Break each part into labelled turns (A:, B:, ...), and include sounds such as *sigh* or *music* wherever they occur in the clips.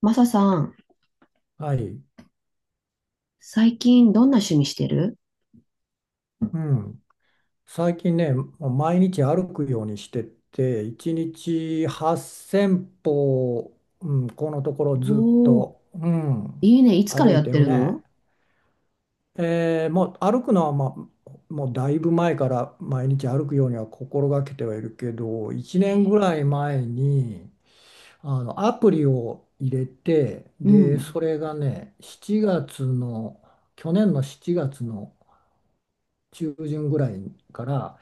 A: マサさん、
B: はい、
A: 最近どんな趣味してる？
B: うん、最近ね、もう毎日歩くようにしてて、1日8000歩、うん、このところずっ
A: おー、
B: と、うん、
A: いいね。いつから
B: 歩
A: や
B: い
A: っ
B: て
A: て
B: る
A: る
B: ね。
A: の？
B: もう歩くのは、まあ、もうだいぶ前から毎日歩くようには心がけてはいるけど、1年ぐ
A: え
B: らい前にあのアプリを入れて、
A: う
B: で、
A: ん。
B: それがね、7月の、去年の7月の中旬ぐらいから、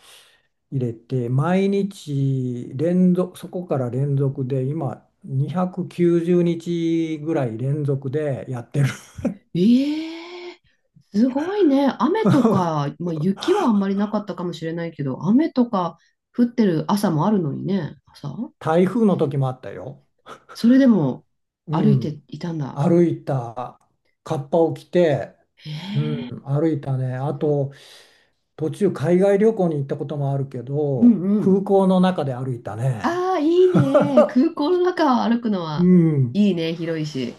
B: 入れて、毎日連続、そこから連続で、今、290日ぐらい連続でやってる。
A: ええー、すごいね。雨と
B: *laughs*
A: か、まあ、雪はあんまりなかったかもしれないけど、雨とか降ってる朝もあるのにね、朝。
B: 台風の時もあったよ。
A: それでも歩
B: う
A: いて
B: ん。
A: いたんだ。
B: 歩いた、カッパを着て、
A: へえ
B: うん、
A: ー。
B: 歩いたね。あと、途中海外旅行に行ったこともあるけ
A: うん
B: ど、
A: うん。
B: 空港の中で歩いたね。
A: ああ、いいね。空港の中を歩くの
B: う
A: は
B: ん。
A: いいね。広いし。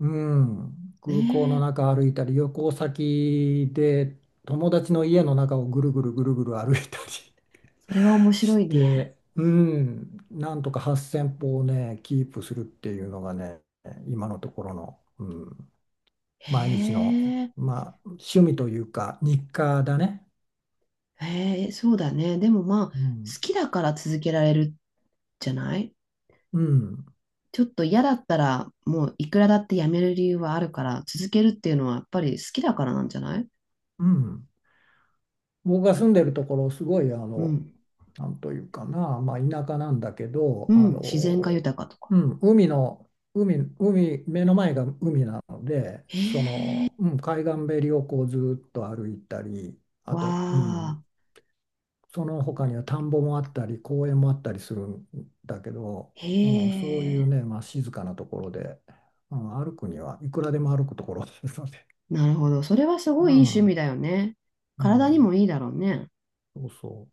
B: うん、
A: え
B: 空港
A: え
B: の
A: ー、
B: 中歩いたり、旅行先で友達の家の中をぐるぐるぐるぐる歩いたり
A: それは面
B: *laughs*
A: 白
B: し
A: いね。
B: て、うん、なんとか8000歩をね、キープするっていうのがね、今のところの、うん、
A: へ
B: 毎日の、
A: え。
B: まあ、趣味というか、日課だね。
A: へえ、そうだね。でもまあ、好
B: うん、
A: きだから続けられるじゃない？
B: うん、
A: ちょっと嫌だったら、もういくらだってやめる理由はあるから、続けるっていうのはやっぱり好きだからなんじゃない？
B: うん。僕が住んでるところ、すごい
A: うん。
B: なんというかな、まあ、田舎なんだけど、
A: う
B: あ
A: ん。自然が
B: の、
A: 豊かとか。
B: うん、海の、海、海、目の前が海なので、
A: へ
B: そ
A: え、
B: の、うん、海岸べりをこうずっと歩いたり、あ
A: わ
B: と、うん、
A: あ、
B: その他には田んぼもあったり、公園もあったりするんだけど、
A: へ
B: うん、そういう
A: え。
B: ね、まあ、静かなところで、うん、歩くにはいくらでも歩くところですので、
A: なるほど。それはすご
B: う
A: いいい趣味
B: ん、
A: だよね。
B: う
A: 体に
B: ん、
A: もいいだろうね。
B: そうそ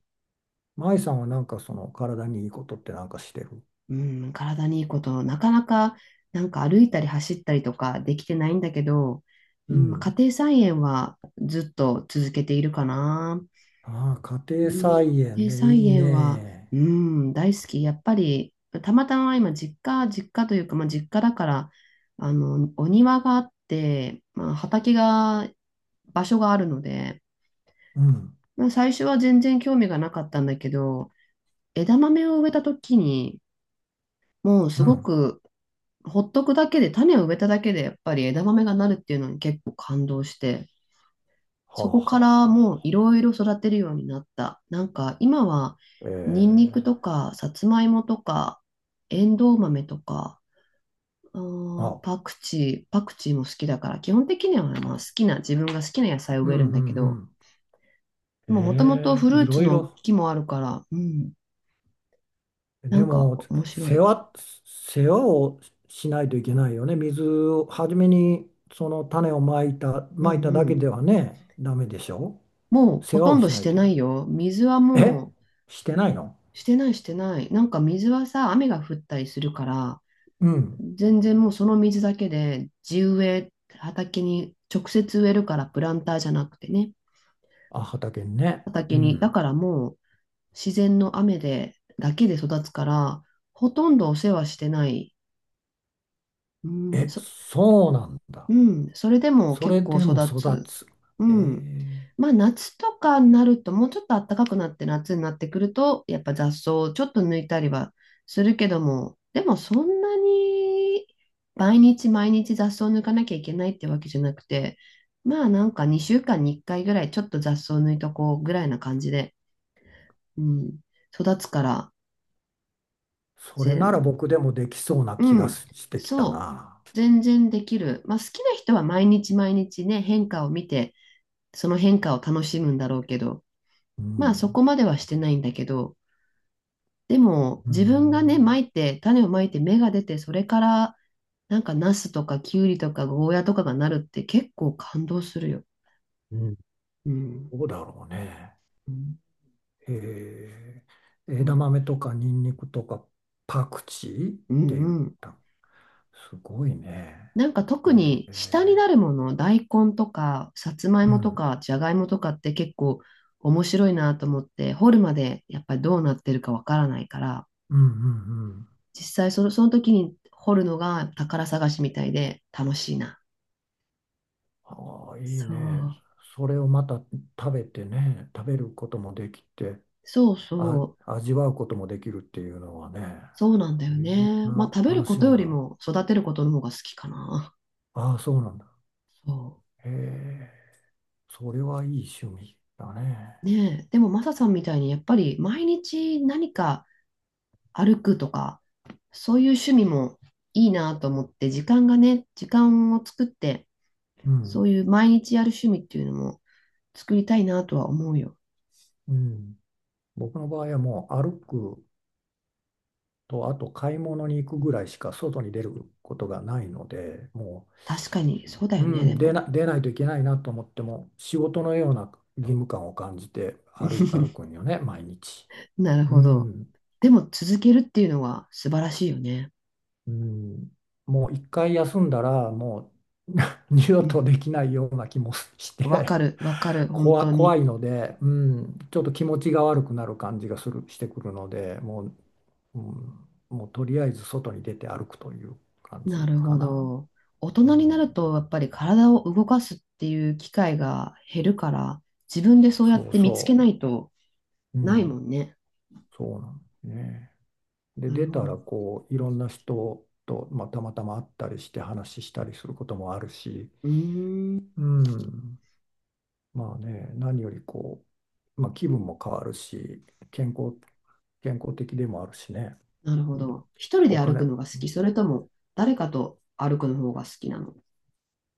B: う。舞さんはなんかその体にいいことってなんかしてる？
A: うん、体にいいこと、なかなか、なんか歩いたり走ったりとかできてないんだけど、
B: う
A: うん、家
B: ん、
A: 庭菜園はずっと続けているかな。
B: ああ、家
A: う
B: 庭
A: ん、
B: 菜
A: 家
B: 園
A: 庭
B: ね、
A: 菜
B: いい
A: 園は、
B: ね。
A: うん、大好き。やっぱり、たまたま今、実家、実家というか、まあ、実家だから、お庭があって、まあ、畑が、場所があるので、
B: うん、
A: まあ、最初は全然興味がなかったんだけど、枝豆を植えた時に、もうす
B: う
A: ご
B: ん。
A: くほっとくだけで、種を植えただけで、やっぱり枝豆がなるっていうのに結構感動して、
B: はあ
A: そ
B: は
A: こ
B: あ
A: か
B: は
A: らもうい
B: あ。
A: ろいろ育てるようになった。なんか今は、ニンニクと
B: ええ、
A: か、さつまいもとか、エンドウ豆とか、あー
B: あ、
A: パクチー、パクチーも好きだから、基本的にはまあ
B: あ、
A: 好きな、自分が好きな野菜を
B: うん、
A: 植
B: う
A: え
B: ん、う
A: るんだけど、
B: ん。
A: もともと
B: え
A: フ
B: ー、
A: ル
B: い
A: ーツ
B: ろい
A: の
B: ろ。
A: 木もあるから、うん、な
B: で
A: んか
B: も、
A: 面白
B: 世
A: い。
B: 話、世話をしないといけないよね。水を、初めにその種を
A: うん
B: ま
A: う
B: いただけで
A: ん。
B: はね、ダメでしょ。
A: もう
B: 世
A: ほ
B: 話
A: と
B: を
A: んど
B: し
A: し
B: ない
A: て
B: といけ
A: な
B: な
A: い
B: い。
A: よ。水はも
B: え、
A: う、
B: してないの？
A: してないしてない。なんか水はさ、雨が降ったりするから、
B: うん。
A: 全然もうその水だけで地植え、畑に直接植えるからプランターじゃなくてね、
B: あ、畑にね。う
A: 畑に。だ
B: ん。
A: からもう自然の雨で、だけで育つから、ほとんどお世話してない。うん、
B: え、
A: そ
B: そうなん
A: う
B: だ。
A: ん、それでも
B: そ
A: 結
B: れ
A: 構
B: で
A: 育
B: も育
A: つ。
B: つ。
A: う
B: え
A: ん。
B: え、
A: まあ夏とかになると、もうちょっと暖かくなって夏になってくると、やっぱ雑草をちょっと抜いたりはするけども、でもそんなに毎日毎日雑草を抜かなきゃいけないってわけじゃなくて、まあなんか2週間に1回ぐらいちょっと雑草を抜いとこうぐらいな感じで、うん、育つから、
B: それなら
A: 全、
B: 僕でもできそうな気
A: う
B: が
A: ん、
B: してきた
A: そう、
B: な。
A: 全然できる。まあ好きな人は毎日毎日ね、変化を見て、その変化を楽しむんだろうけど、
B: う
A: まあそ
B: ん。
A: こまではしてないんだけど、でも
B: う
A: 自分がね、ま
B: ん。
A: いて、種をまいて芽が出て、それからなんかナスとかキュウリとかゴーヤとかがなるって結構感動するよ。
B: うん。
A: うん。
B: どうだろうね。
A: うん
B: ええ、枝
A: そ
B: 豆とかニンニクとかパクチーっ
A: うう
B: て言
A: ん
B: っ
A: うん。
B: た。すごいね。
A: なんか特
B: え
A: に下にな
B: え、
A: るもの、大根とかさつまい
B: う
A: もと
B: ん。
A: かじゃがいもとかって結構面白いなと思って、掘るまでやっぱりどうなってるかわからないから、
B: うんうんうん。
A: 実際その時に掘るのが宝探しみたいで楽しいな。
B: ああ、いい
A: そ
B: ね。
A: う。
B: それをまた食べてね、食べることもできて。
A: そう
B: あ、
A: そう。
B: 味わうこともできるっていうのはね、
A: そうなんだよ
B: いろん
A: ね。まあ
B: な
A: 食べる
B: 楽
A: こ
B: し
A: とよ
B: み
A: り
B: が、
A: も育てることの方が好きかな。
B: ああ、そうなんだ。
A: そ
B: へえ、それはいい趣味だね。
A: う。ねえ。でもマサさんみたいにやっぱり毎日何か歩くとか、そういう趣味もいいなと思って、時間がね、時間を作って、
B: う
A: そ
B: ん、
A: ういう毎日やる趣味っていうのも作りたいなとは思うよ。
B: うん。僕の場合はもう歩くと、あと買い物に行くぐらいしか外に出ることがないので、も
A: 確かに、そうだ
B: う、
A: よ
B: う
A: ね、で
B: ん、
A: も。
B: 出ないといけないなと思っても、仕事のような義務感を感じて歩
A: *laughs*
B: くんよね、毎日。
A: なる
B: う
A: ほど。
B: ん。
A: でも続けるっていうのは素晴らしいよね。
B: うん、もう一回休んだらもう *laughs* 二度
A: う
B: と
A: ん。
B: できないような気もし
A: わか
B: て
A: る、わかる、本当
B: 怖
A: に。
B: いので、うん、ちょっと気持ちが悪くなる感じがする、してくるのでもう、うん、もうとりあえず外に出て歩くという感
A: な
B: じ
A: る
B: か
A: ほ
B: な。
A: ど。大
B: う
A: 人になる
B: ん、
A: とやっぱり体を動かすっていう機会が減るから、自分でそうや
B: そ
A: っ
B: う
A: て見つけ
B: そ
A: ないと
B: う、う
A: ないも
B: ん、
A: んね。
B: そうなんですね。で
A: なる
B: 出
A: ほ
B: た
A: ど。
B: ら
A: う
B: こういろんな人と、まあ、たまたま会ったりして話したりすることもあるし、
A: ーん、
B: うん、まあね、何よりこう、まあ、気分も変わるし、健康、健康的でもあるしね、
A: なる
B: う
A: ほ
B: ん、
A: ど。一人で
B: お
A: 歩
B: 金、
A: くのが好き、それとも誰かと歩くの方が好きなの？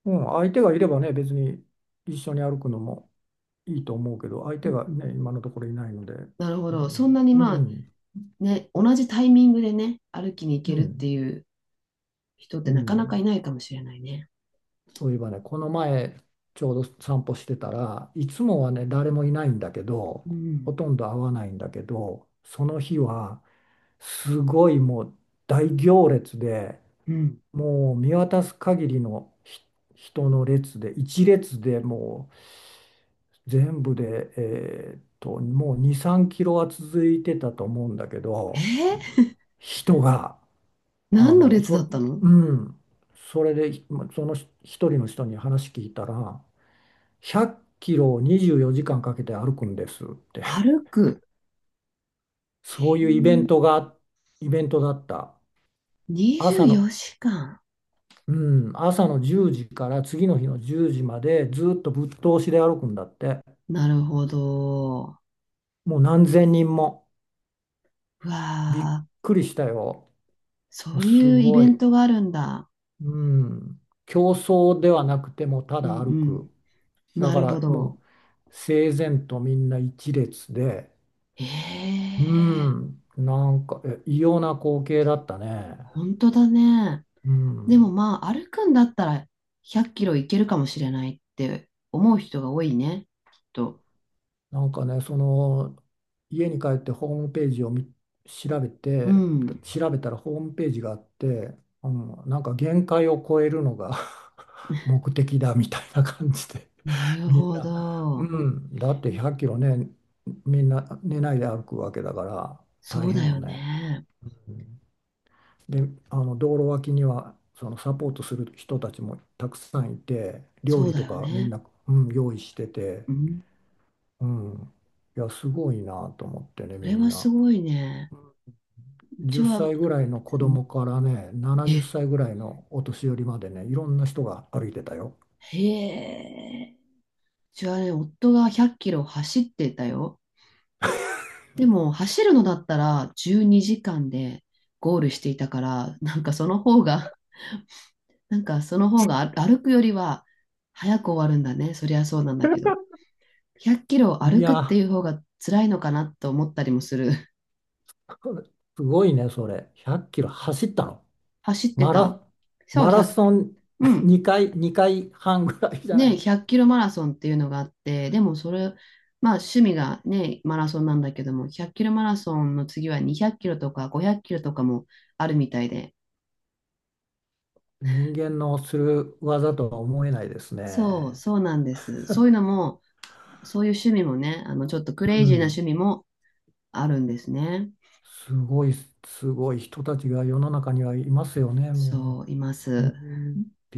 B: うん、相手がいればね、別に一緒に歩くのもいいと思うけど、相
A: う
B: 手
A: ん
B: が
A: うん
B: ね、今のところいないので、
A: なるほ
B: う
A: ど。そんな
B: ん、
A: に
B: う
A: まあ
B: ん、
A: ね、同じタイミングでね、歩きに行
B: う
A: けるって
B: ん、
A: いう人って
B: う
A: なかなかい
B: ん、
A: ないかもしれないね。
B: そういえばね、この前、ちょうど散歩してたらいつもはね、誰もいないんだけど、
A: うん。
B: ほとんど会わないんだけど、その日は、すごいもう大行列で、
A: うん。
B: もう見渡す限りの人の列で、一列でもう全部で、もう2、3キロは続いてたと思うんだけ
A: え
B: ど、
A: ー、
B: 人が、あ
A: 何の
B: の、
A: 列だ
B: そ、
A: ったの？
B: うん、それで、ひまそのひ一人の人に話聞いたら、100キロを24時間かけて歩くんですって、
A: 歩く。え
B: そういうイ
A: ー、
B: ベントが、イベントだった。
A: 24
B: 朝の、
A: 時間。
B: うん、朝の10時から次の日の10時までずっとぶっ通しで歩くんだって。
A: なるほど。
B: もう何千人も。
A: うわ
B: びっ
A: あ、
B: くりしたよ。
A: そ
B: も
A: う
B: うす
A: いうイ
B: ご
A: ベン
B: い。
A: トがあるんだ。
B: うん。競争ではなくてもうた
A: う
B: だ
A: ん
B: 歩く。
A: うん。
B: だ
A: な
B: か
A: るほ
B: ら
A: ど。
B: もう整然とみんな一列で。
A: え
B: う
A: え、
B: ん。なんか、異様な光景だったね。
A: 本当だね。
B: う
A: でも
B: ん。
A: まあ、歩くんだったら100キロいけるかもしれないって思う人が多いね、きっと。
B: なんかね、その家に帰ってホームページを見調べ
A: う
B: て、
A: ん。
B: 調べたらホームページがあって、うん、なんか限界を超えるのが *laughs* 目的だみたいな感じで、
A: なる
B: *laughs* みん
A: ほ
B: な、う
A: ど。
B: ん、だって100キロね、みんな寝ないで歩くわけだから
A: そ
B: 大
A: う
B: 変
A: だ
B: よ
A: よ
B: ね。
A: ね。
B: うん、で、あの道路脇にはそのサポートする人たちもたくさんいて、料
A: そう
B: 理
A: だ
B: と
A: よ
B: かみん
A: ね。
B: な、うん、用意してて。
A: うん
B: うん。いや、すごいなと思ってね、
A: そ
B: み
A: れ
B: ん
A: はす
B: な。
A: ごいね。うち
B: 10
A: は、
B: 歳ぐらいの子供からね、
A: え、
B: 70歳ぐらいのお年寄りまでね、いろんな人が歩いてたよ。
A: へえ。うちはね、夫が100キロ走ってたよ。でも、走るのだったら12時間でゴールしていたから、なんかその方が、歩くよりは早く終わるんだね。そりゃそうなんだけど。100キロ
B: い
A: 歩くってい
B: や、
A: う方が辛いのかなと思ったりもする。*laughs*
B: *laughs* すごいね、それ。100キロ走ったの？
A: 走って
B: マ
A: た。
B: ラ、
A: そう、
B: マ
A: 1
B: ラソン
A: う
B: *laughs*
A: ん。
B: 2回半ぐらいじゃな
A: ね、
B: い。
A: 100キロマラソンっていうのがあって、でもそれ、まあ趣味がね、マラソンなんだけども、100キロマラソンの次は200キロとか500キロとかもあるみたいで、
B: 人間のする技とは思えないです
A: そう、
B: ね。
A: そうなんです。そういうのも、そういう趣味もね、ちょっとク
B: う
A: レイジーな趣
B: ん。
A: 味もあるんですね。
B: すごい、すごい人たちが世の中にはいますよね、も
A: そう、いま
B: う。う
A: す。
B: ん